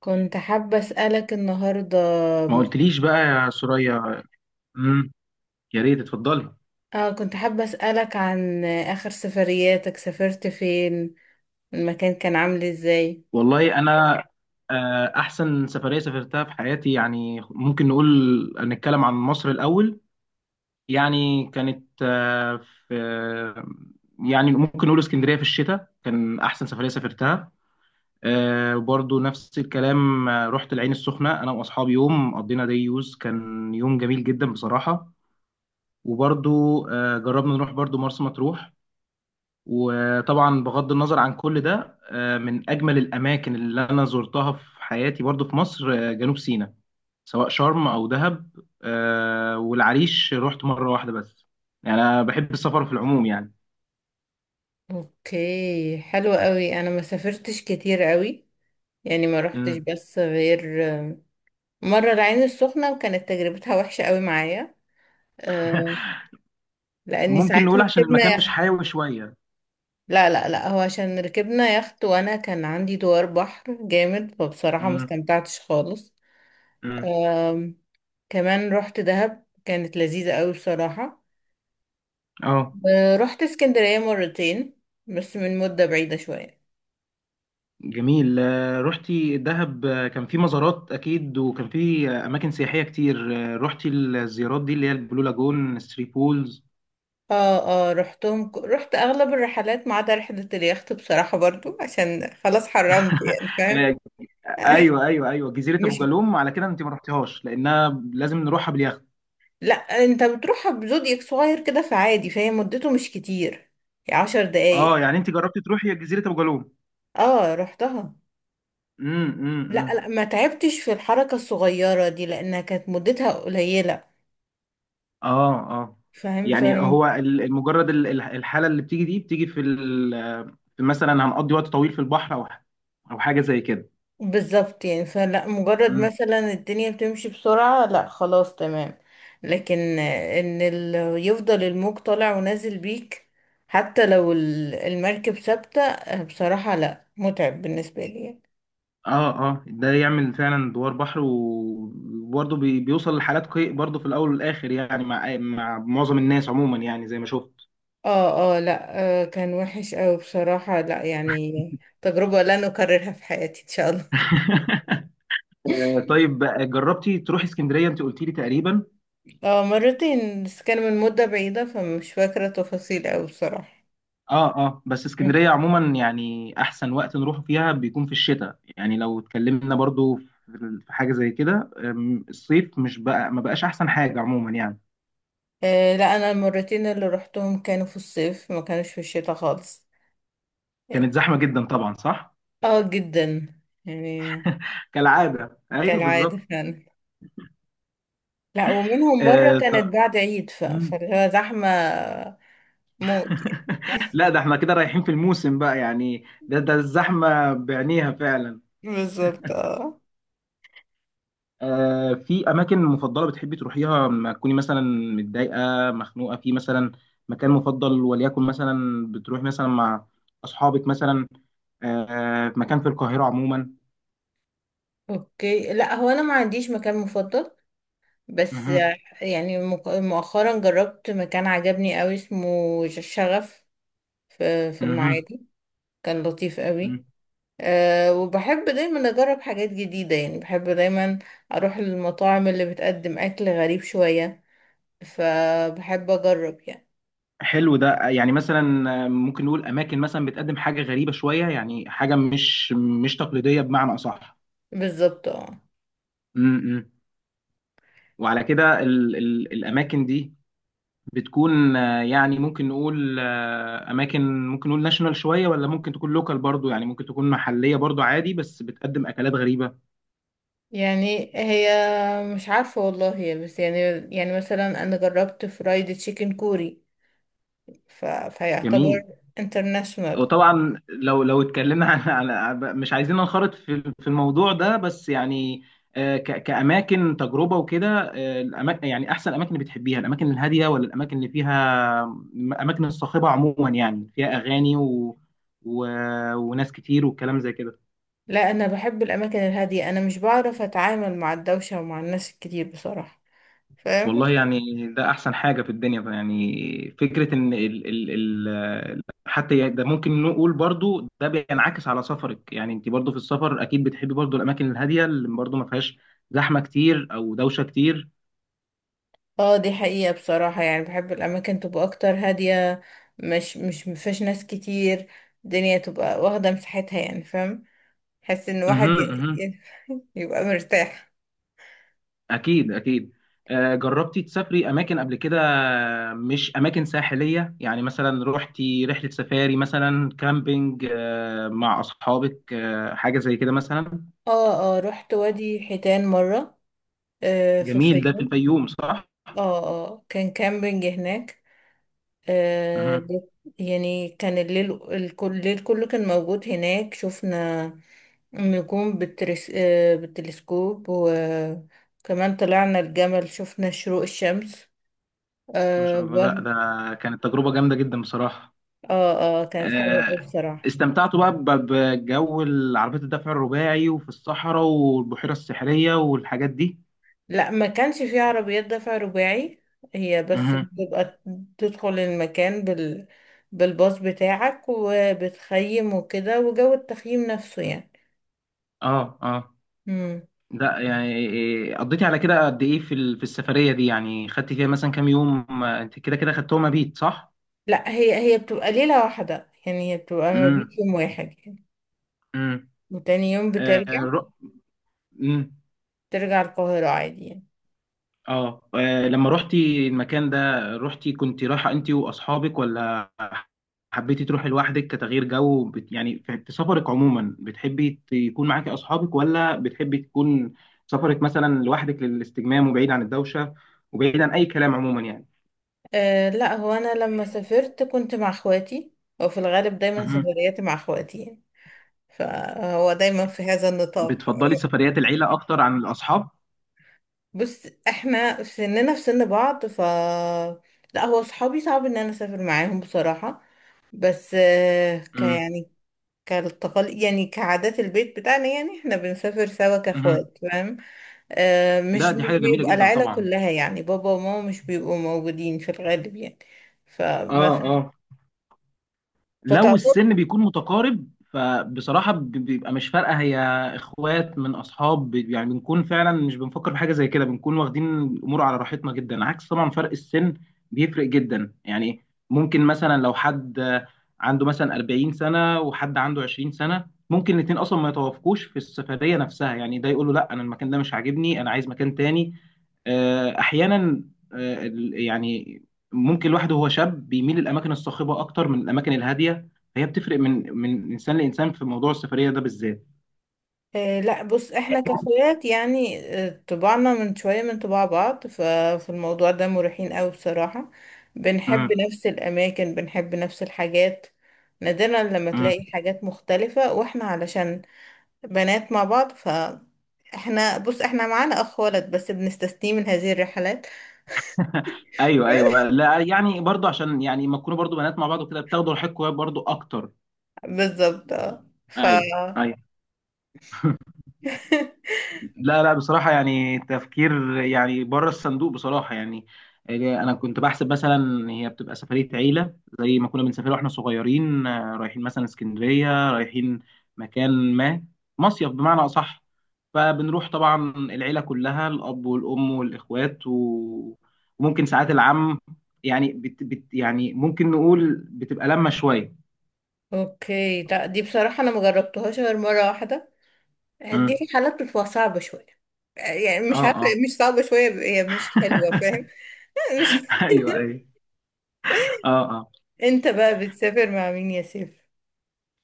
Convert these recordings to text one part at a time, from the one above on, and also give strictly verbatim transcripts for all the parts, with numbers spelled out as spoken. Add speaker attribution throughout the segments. Speaker 1: كنت حابة أسألك النهاردة
Speaker 2: ما قلتليش بقى يا سوريا. امم يا ريت اتفضلي.
Speaker 1: اه كنت حابة أسألك عن آخر سفرياتك. سافرت فين؟ المكان كان عامل ازاي؟
Speaker 2: والله انا، آه، احسن سفريه سافرتها في حياتي يعني ممكن نقول. نتكلم عن مصر الاول. يعني كانت، آه، في يعني ممكن نقول اسكندريه في الشتاء كان احسن سفريه سافرتها. آه، وبرضه نفس الكلام. آه، رحت العين السخنه انا واصحابي. يوم قضينا دي يوز كان يوم جميل جدا بصراحه. وبرضه آه، جربنا نروح برضه مرسى مطروح. وطبعا بغض النظر عن كل ده، آه، من اجمل الاماكن اللي انا زرتها في حياتي برضو في مصر، آه، جنوب سيناء، سواء شرم او دهب. آه، والعريش رحت مره واحده بس. يعني انا بحب السفر في العموم يعني.
Speaker 1: اوكي حلو قوي. انا ما سافرتش كتير قوي، يعني ما روحتش
Speaker 2: مم.
Speaker 1: بس غير آه، مرة العين السخنة، وكانت تجربتها وحشة قوي معايا. آه، لاني
Speaker 2: ممكن نقول
Speaker 1: ساعتها
Speaker 2: عشان المكان
Speaker 1: ركبنا
Speaker 2: مش
Speaker 1: يخت.
Speaker 2: حيوي شويه.
Speaker 1: لا، لا، لا، هو عشان ركبنا يخت وانا كان عندي دوار بحر جامد، فبصراحة ما
Speaker 2: مم.
Speaker 1: استمتعتش خالص.
Speaker 2: مم.
Speaker 1: كمان رحت دهب، كانت لذيذة قوي بصراحة.
Speaker 2: اه
Speaker 1: آه، رحت اسكندرية مرتين بس من مدة بعيدة شوية.
Speaker 2: جميل. آه، رحتي دهب. آه، كان في مزارات اكيد، وكان في، آه، اماكن سياحيه كتير. آه، رحتي الزيارات دي اللي هي البلو لاجون ثري بولز؟
Speaker 1: اه، اه، رحتهم ك- رحت اغلب الرحلات ما عدا رحلة اليخت، بصراحة، برضو عشان خلاص حرمت. يعني فاهم؟
Speaker 2: ايوه ايوه ايوه، جزيره ابو
Speaker 1: مش
Speaker 2: جالوم، على كده انت ما رحتيهاش لانها لازم نروحها باليخت.
Speaker 1: لا، انت بتروحها بزودياك صغير كده فعادي، فهي مدته مش كتير، يعني عشر دقايق.
Speaker 2: اه يعني انت جربتي تروحي جزيره ابو جالوم؟
Speaker 1: اه، رحتها.
Speaker 2: امم امم
Speaker 1: لا، لا،
Speaker 2: إمم.
Speaker 1: ما تعبتش في الحركة الصغيرة دي لأنها كانت مدتها قليلة.
Speaker 2: اه اه. يعني
Speaker 1: فاهم؟
Speaker 2: هو ال- مجرد ال- ال- الحاله اللي بتيجي دي بتيجي في ال- في مثلا هنقضي وقت طويل في البحر، او ح- او حاجه زي كده.
Speaker 1: بالظبط، يعني فلا مجرد
Speaker 2: مم.
Speaker 1: مثلا الدنيا بتمشي بسرعة، لا خلاص تمام. لكن ان ال... يفضل الموج طالع ونازل بيك. حتى لو ال- المركب ثابتة، آه، بصراحة لا متعب بالنسبة لي يعني.
Speaker 2: اه اه، ده يعمل فعلا دوار بحر، و- وبرضه بي- بيوصل لحالات قيء برضه في الاول والاخر يعني مع مع معظم الناس عموما يعني زي ما شفت.
Speaker 1: اه، اه، لا، آه كان وحش اوي بصراحة، لا يعني تجربة لن اكررها في حياتي ان شاء الله.
Speaker 2: طيب، جربتي تروحي اسكندريه؟ انت قلتي لي تقريبا.
Speaker 1: اه، مرتين بس كان من مدة بعيدة، فمش فاكرة تفاصيل اوي بصراحة.
Speaker 2: اه اه. بس اسكندريه عموما يعني احسن وقت نروح فيها بيكون في الشتاء يعني. لو اتكلمنا برضو في في حاجه زي كده، أم، الصيف مش بقى، ما بقاش احسن حاجه عموما يعني.
Speaker 1: آه لا، انا المرتين اللي روحتهم كانوا في الصيف، ما كانوش في الشتاء خالص
Speaker 2: كانت
Speaker 1: يعني.
Speaker 2: زحمه جدا طبعا، صح؟
Speaker 1: اه، جدا يعني.
Speaker 2: كالعاده، ايوه بالظبط.
Speaker 1: كالعادة فعلا. لا، ومنهم مرة
Speaker 2: آه ط-
Speaker 1: كانت بعد عيد ف...
Speaker 2: مم.
Speaker 1: فاللي هو زحمة موت يعني.
Speaker 2: لا ده احنا كده رايحين في الموسم بقى يعني. ده ده الزحمه بعينيها فعلا.
Speaker 1: بالظبط اه.
Speaker 2: آه، في اماكن مفضله بتحبي تروحيها لما تكوني مثلا متضايقه، مخنوقه في مثلا، مكان مفضل وليكن مثلا بتروحي مثلا مع اصحابك مثلا، آه، في مكان في القاهره عموما؟
Speaker 1: اوكي، لا هو انا ما عنديش مكان مفضل بس.
Speaker 2: مهم.
Speaker 1: يعني، مك- مؤخرا جربت مكان عجبني قوي اسمه ش- شغف، في في
Speaker 2: مهم.
Speaker 1: المعادي. كان لطيف قوي.
Speaker 2: مهم.
Speaker 1: أه وبحب دايما أجرب حاجات جديدة، يعني بحب دايما أروح للمطاعم اللي بتقدم أكل غريب شوية، فبحب أجرب يعني.
Speaker 2: حلو. ده يعني مثلا، آه، ممكن نقول اماكن مثلا بتقدم حاجه غريبه شويه، يعني حاجه مش مش تقليديه بمعنى اصح.
Speaker 1: بالظبط اه.
Speaker 2: م- م. وعلى كده ال ال الاماكن دي بتكون، آه، يعني ممكن نقول، آه، اماكن ممكن نقول ناشونال شويه، ولا ممكن تكون لوكال برضو؟ يعني ممكن تكون محليه برضو عادي بس بتقدم اكلات غريبه.
Speaker 1: يعني هي، مش عارفة والله، هي بس يعني يعني مثلا أنا جربت فرايد تشيكن كوري، ف... فيعتبر
Speaker 2: جميل.
Speaker 1: انترناشونال.
Speaker 2: وطبعا لو لو اتكلمنا عن عن- مش عايزين ننخرط في في الموضوع ده بس يعني، آه، ك- كاماكن تجربه وكده. الاماكن يعني احسن اماكن بتحبيها، الاماكن الهاديه، ولا الاماكن اللي فيها، الاماكن الصاخبه عموما يعني فيها اغاني و... و... وناس كتير والكلام زي كده؟
Speaker 1: لا، أنا بحب الأماكن الهادية، أنا مش بعرف أتعامل مع الدوشة ومع الناس الكتير بصراحة.
Speaker 2: والله يعني ده احسن حاجه في الدنيا بقى يعني. فكره ان ال ال ال حتى يعني، ده ممكن نقول برضو ده بينعكس على سفرك. يعني انت برضو في السفر اكيد بتحبي برضو الاماكن الهاديه اللي برضو ما فيهاش زحمه كتير او دوشه كتير.
Speaker 1: اه، دي حقيقة بصراحة. يعني بحب الأماكن تبقى أكتر هادية، مش مش مفيهاش ناس كتير. الدنيا تبقى واخدة مساحتها يعني. فاهم؟ حس إن واحد
Speaker 2: اها
Speaker 1: ي-
Speaker 2: اها.
Speaker 1: ي- يبقى مرتاح.
Speaker 2: اكيد اكيد. آه، جربتي تسافري اماكن قبل كده، مش اماكن ساحليه؟ يعني مثلا روحتي رحله سفاري، مثلا كامبينج، آه، مع اصحابك، آه، حاجه زي كده مثلا.
Speaker 1: اه، اه، رحت وادي حيتان مرة، آه في
Speaker 2: جميل، ده في
Speaker 1: الفيوم.
Speaker 2: الفيوم صح؟
Speaker 1: اه، اه، كان كامبينج هناك. آه
Speaker 2: اها.
Speaker 1: بت- يعني كان الليل الكل الليل كله كان موجود هناك، شفنا النجوم بالترس... آه بالتلسكوب، و كمان طلعنا الجمل، شفنا شروق الشمس.
Speaker 2: ما
Speaker 1: آه
Speaker 2: شاء الله، لا
Speaker 1: بر
Speaker 2: ده كانت تجربة جامدة جدا بصراحة.
Speaker 1: اه، اه، كانت حلوة
Speaker 2: آه،
Speaker 1: أوي بصراحة.
Speaker 2: استمتعت بقى ب- بجو العربيات الدفع الرباعي، وفي الصحراء والبحيرة السحرية والحاجات دي؟
Speaker 1: لا، ما كانش فيه عربيات دفع رباعي. هي بس
Speaker 2: مهم.
Speaker 1: بتبقى تدخل المكان بال بالباص بتاعك، وبتخيم وكده، وجو التخييم نفسه يعني.
Speaker 2: اه اه.
Speaker 1: مم.
Speaker 2: لا يعني، إيه، قضيتي على كده قد ايه في ال- في السفرية دي؟ يعني خدتي فيها مثلا كام يوم، ما انت كده كده خدتهم مبيت، صح؟
Speaker 1: لا، هي هي بتبقى ليلة واحدة يعني، هي بتبقى ما بيت
Speaker 2: امم
Speaker 1: يوم واحد يعني.
Speaker 2: امم.
Speaker 1: وتاني يوم بترجع
Speaker 2: آه رو... مم.
Speaker 1: ترجع القاهرة عادي يعني.
Speaker 2: آه. اه لما روحتي المكان ده، روحتي كنت رايحة انت واصحابك، ولا حبيتي تروحي لوحدك كتغيير جو؟ بت... يعني في في سفرك عموما بتحبي يكون معاكي اصحابك، ولا بتحبي تكون سفرك مثلا لوحدك للاستجمام، وبعيد عن الدوشه، وبعيد عن اي كلام عموما يعني؟
Speaker 1: أه لا، هو أنا لما سافرت كنت مع اخواتي، وفي الغالب دايما
Speaker 2: مهم.
Speaker 1: سفرياتي مع اخواتي يعني. فهو دايما في هذا النطاق.
Speaker 2: بتفضلي سفريات العيله اكتر عن الاصحاب؟
Speaker 1: بص، احنا سننا في سن بعض ف لا، هو صحابي صعب ان انا اسافر معاهم بصراحة. بس آه، ك
Speaker 2: امم.
Speaker 1: يعني كالتقل يعني كعادات البيت بتاعنا، يعني احنا بنسافر سوا كاخوات. فاهم؟ آه
Speaker 2: ده
Speaker 1: مش
Speaker 2: دي
Speaker 1: مش
Speaker 2: حاجه جميله
Speaker 1: بيبقى
Speaker 2: جدا
Speaker 1: العيلة
Speaker 2: طبعا.
Speaker 1: كلها، يعني بابا وماما مش بيبقوا موجودين في الغالب يعني.
Speaker 2: اه
Speaker 1: فمثلا،
Speaker 2: اه. لو
Speaker 1: فتعتبر،
Speaker 2: السن بيكون متقارب، فبصراحة ب- بيبقى مش فارقة. هي اخوات من اصحاب، ب- يعني بنكون فعلا مش بنفكر في حاجة زي كده، بنكون واخدين الامور على راحتنا جدا. عكس طبعا فرق السن بيفرق جدا يعني. ممكن مثلا لو حد عنده مثلا 40 سنة، وحد عنده 20 سنة، ممكن الاتنين اصلا ما يتوافقوش في السفرية نفسها. يعني ده يقول له لا انا المكان ده مش عاجبني، انا عايز مكان تاني. آه، احيانا، آه، ال- يعني ممكن الواحد وهو شاب بيميل الاماكن الصاخبه اكتر من الاماكن الهاديه. هي بتفرق من من انسان لانسان في موضوع السفريه ده بالذات.
Speaker 1: آه، لا بص، احنا كاخوات يعني، آه، طباعنا من شوية من طباع بعض، ففي الموضوع ده مريحين قوي بصراحة. بنحب
Speaker 2: امم
Speaker 1: نفس الأماكن، بنحب نفس الحاجات. نادرا لما
Speaker 2: امم.
Speaker 1: تلاقي حاجات مختلفة، واحنا علشان بنات مع بعض، فاحنا بص احنا معانا أخ ولد بس بنستثنيه من هذه الرحلات.
Speaker 2: ايوه ايوه. لا يعني برضو عشان يعني ما تكونوا برضو بنات مع بعض وكده بتاخدوا راحتكم برضو اكتر.
Speaker 1: بالظبط اه ف
Speaker 2: ايوه ايوه. لا لا، بصراحة يعني تفكير يعني بره الصندوق بصراحة يعني. آه، أنا كنت بحسب مثلا هي بتبقى سفرية عيلة زي ما كنا بنسافر واحنا صغيرين، آه، رايحين مثلا اسكندرية، رايحين مكان ما، مصيف بمعنى أصح. فبنروح طبعا العيلة كلها، الأب والأم والإخوات، و... وممكن ساعات العم. يعني بت... بت... يعني ممكن نقول بتبقى لمة شوية.
Speaker 1: اوكي، لا دي بصراحة انا مجربتهاش غير مرة واحدة. دي
Speaker 2: مم.
Speaker 1: في حالات بتبقى صعبة شوية. يعني
Speaker 2: اه
Speaker 1: مش عارفة،
Speaker 2: اه.
Speaker 1: مش صعبة شوية، هي مش حلوة. فاهم؟ مش
Speaker 2: ايوه ايوه. اه آه.
Speaker 1: انت بقى بتسافر مع مين يا سيف؟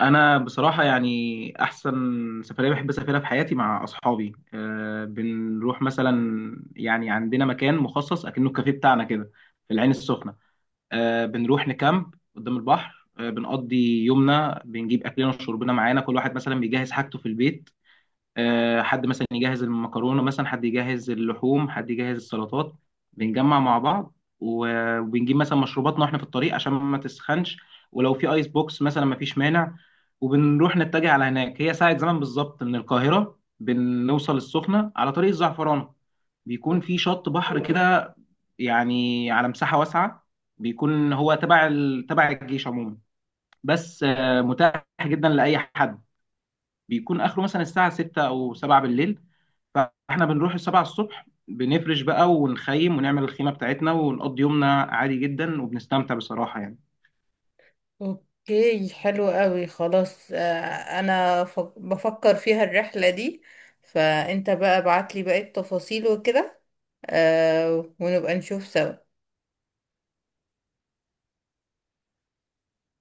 Speaker 2: انا بصراحه يعني احسن سفريه بحب اسافرها في حياتي مع اصحابي. أه بنروح مثلا، يعني عندنا مكان مخصص اكنه الكافيه بتاعنا كده في العين السخنه. أه بنروح نكامب قدام البحر. أه بنقضي يومنا، بنجيب اكلنا وشربنا معانا. كل واحد مثلا بيجهز حاجته في البيت، آه، حد مثلا يجهز المكرونه، مثلا حد يجهز اللحوم، حد يجهز السلطات. بنجمع مع بعض، و- وبنجيب مثلا مشروباتنا واحنا في الطريق عشان ما تسخنش، ولو في ايس بوكس مثلا ما فيش مانع. وبنروح نتجه على هناك. هي ساعة زمن بالظبط من القاهرة، بنوصل السخنة على طريق الزعفرانة. بيكون في شط بحر كده، يعني على مساحة واسعة. بيكون هو تبع ال... تبع الجيش عموما، بس آه، متاح جدا لأي حد. بيكون اخره مثلا الساعه ستة او سبعة بالليل. فاحنا بنروح السبعة الصبح، بنفرش بقى ونخيم ونعمل الخيمه بتاعتنا ونقضي يومنا عادي جدا وبنستمتع بصراحه يعني.
Speaker 1: اوكي حلو قوي خلاص. آه، انا ف- بفكر فيها الرحلة دي، فانت بقى ابعت لي باقي التفاصيل وكده، آه، ونبقى نشوف سوا.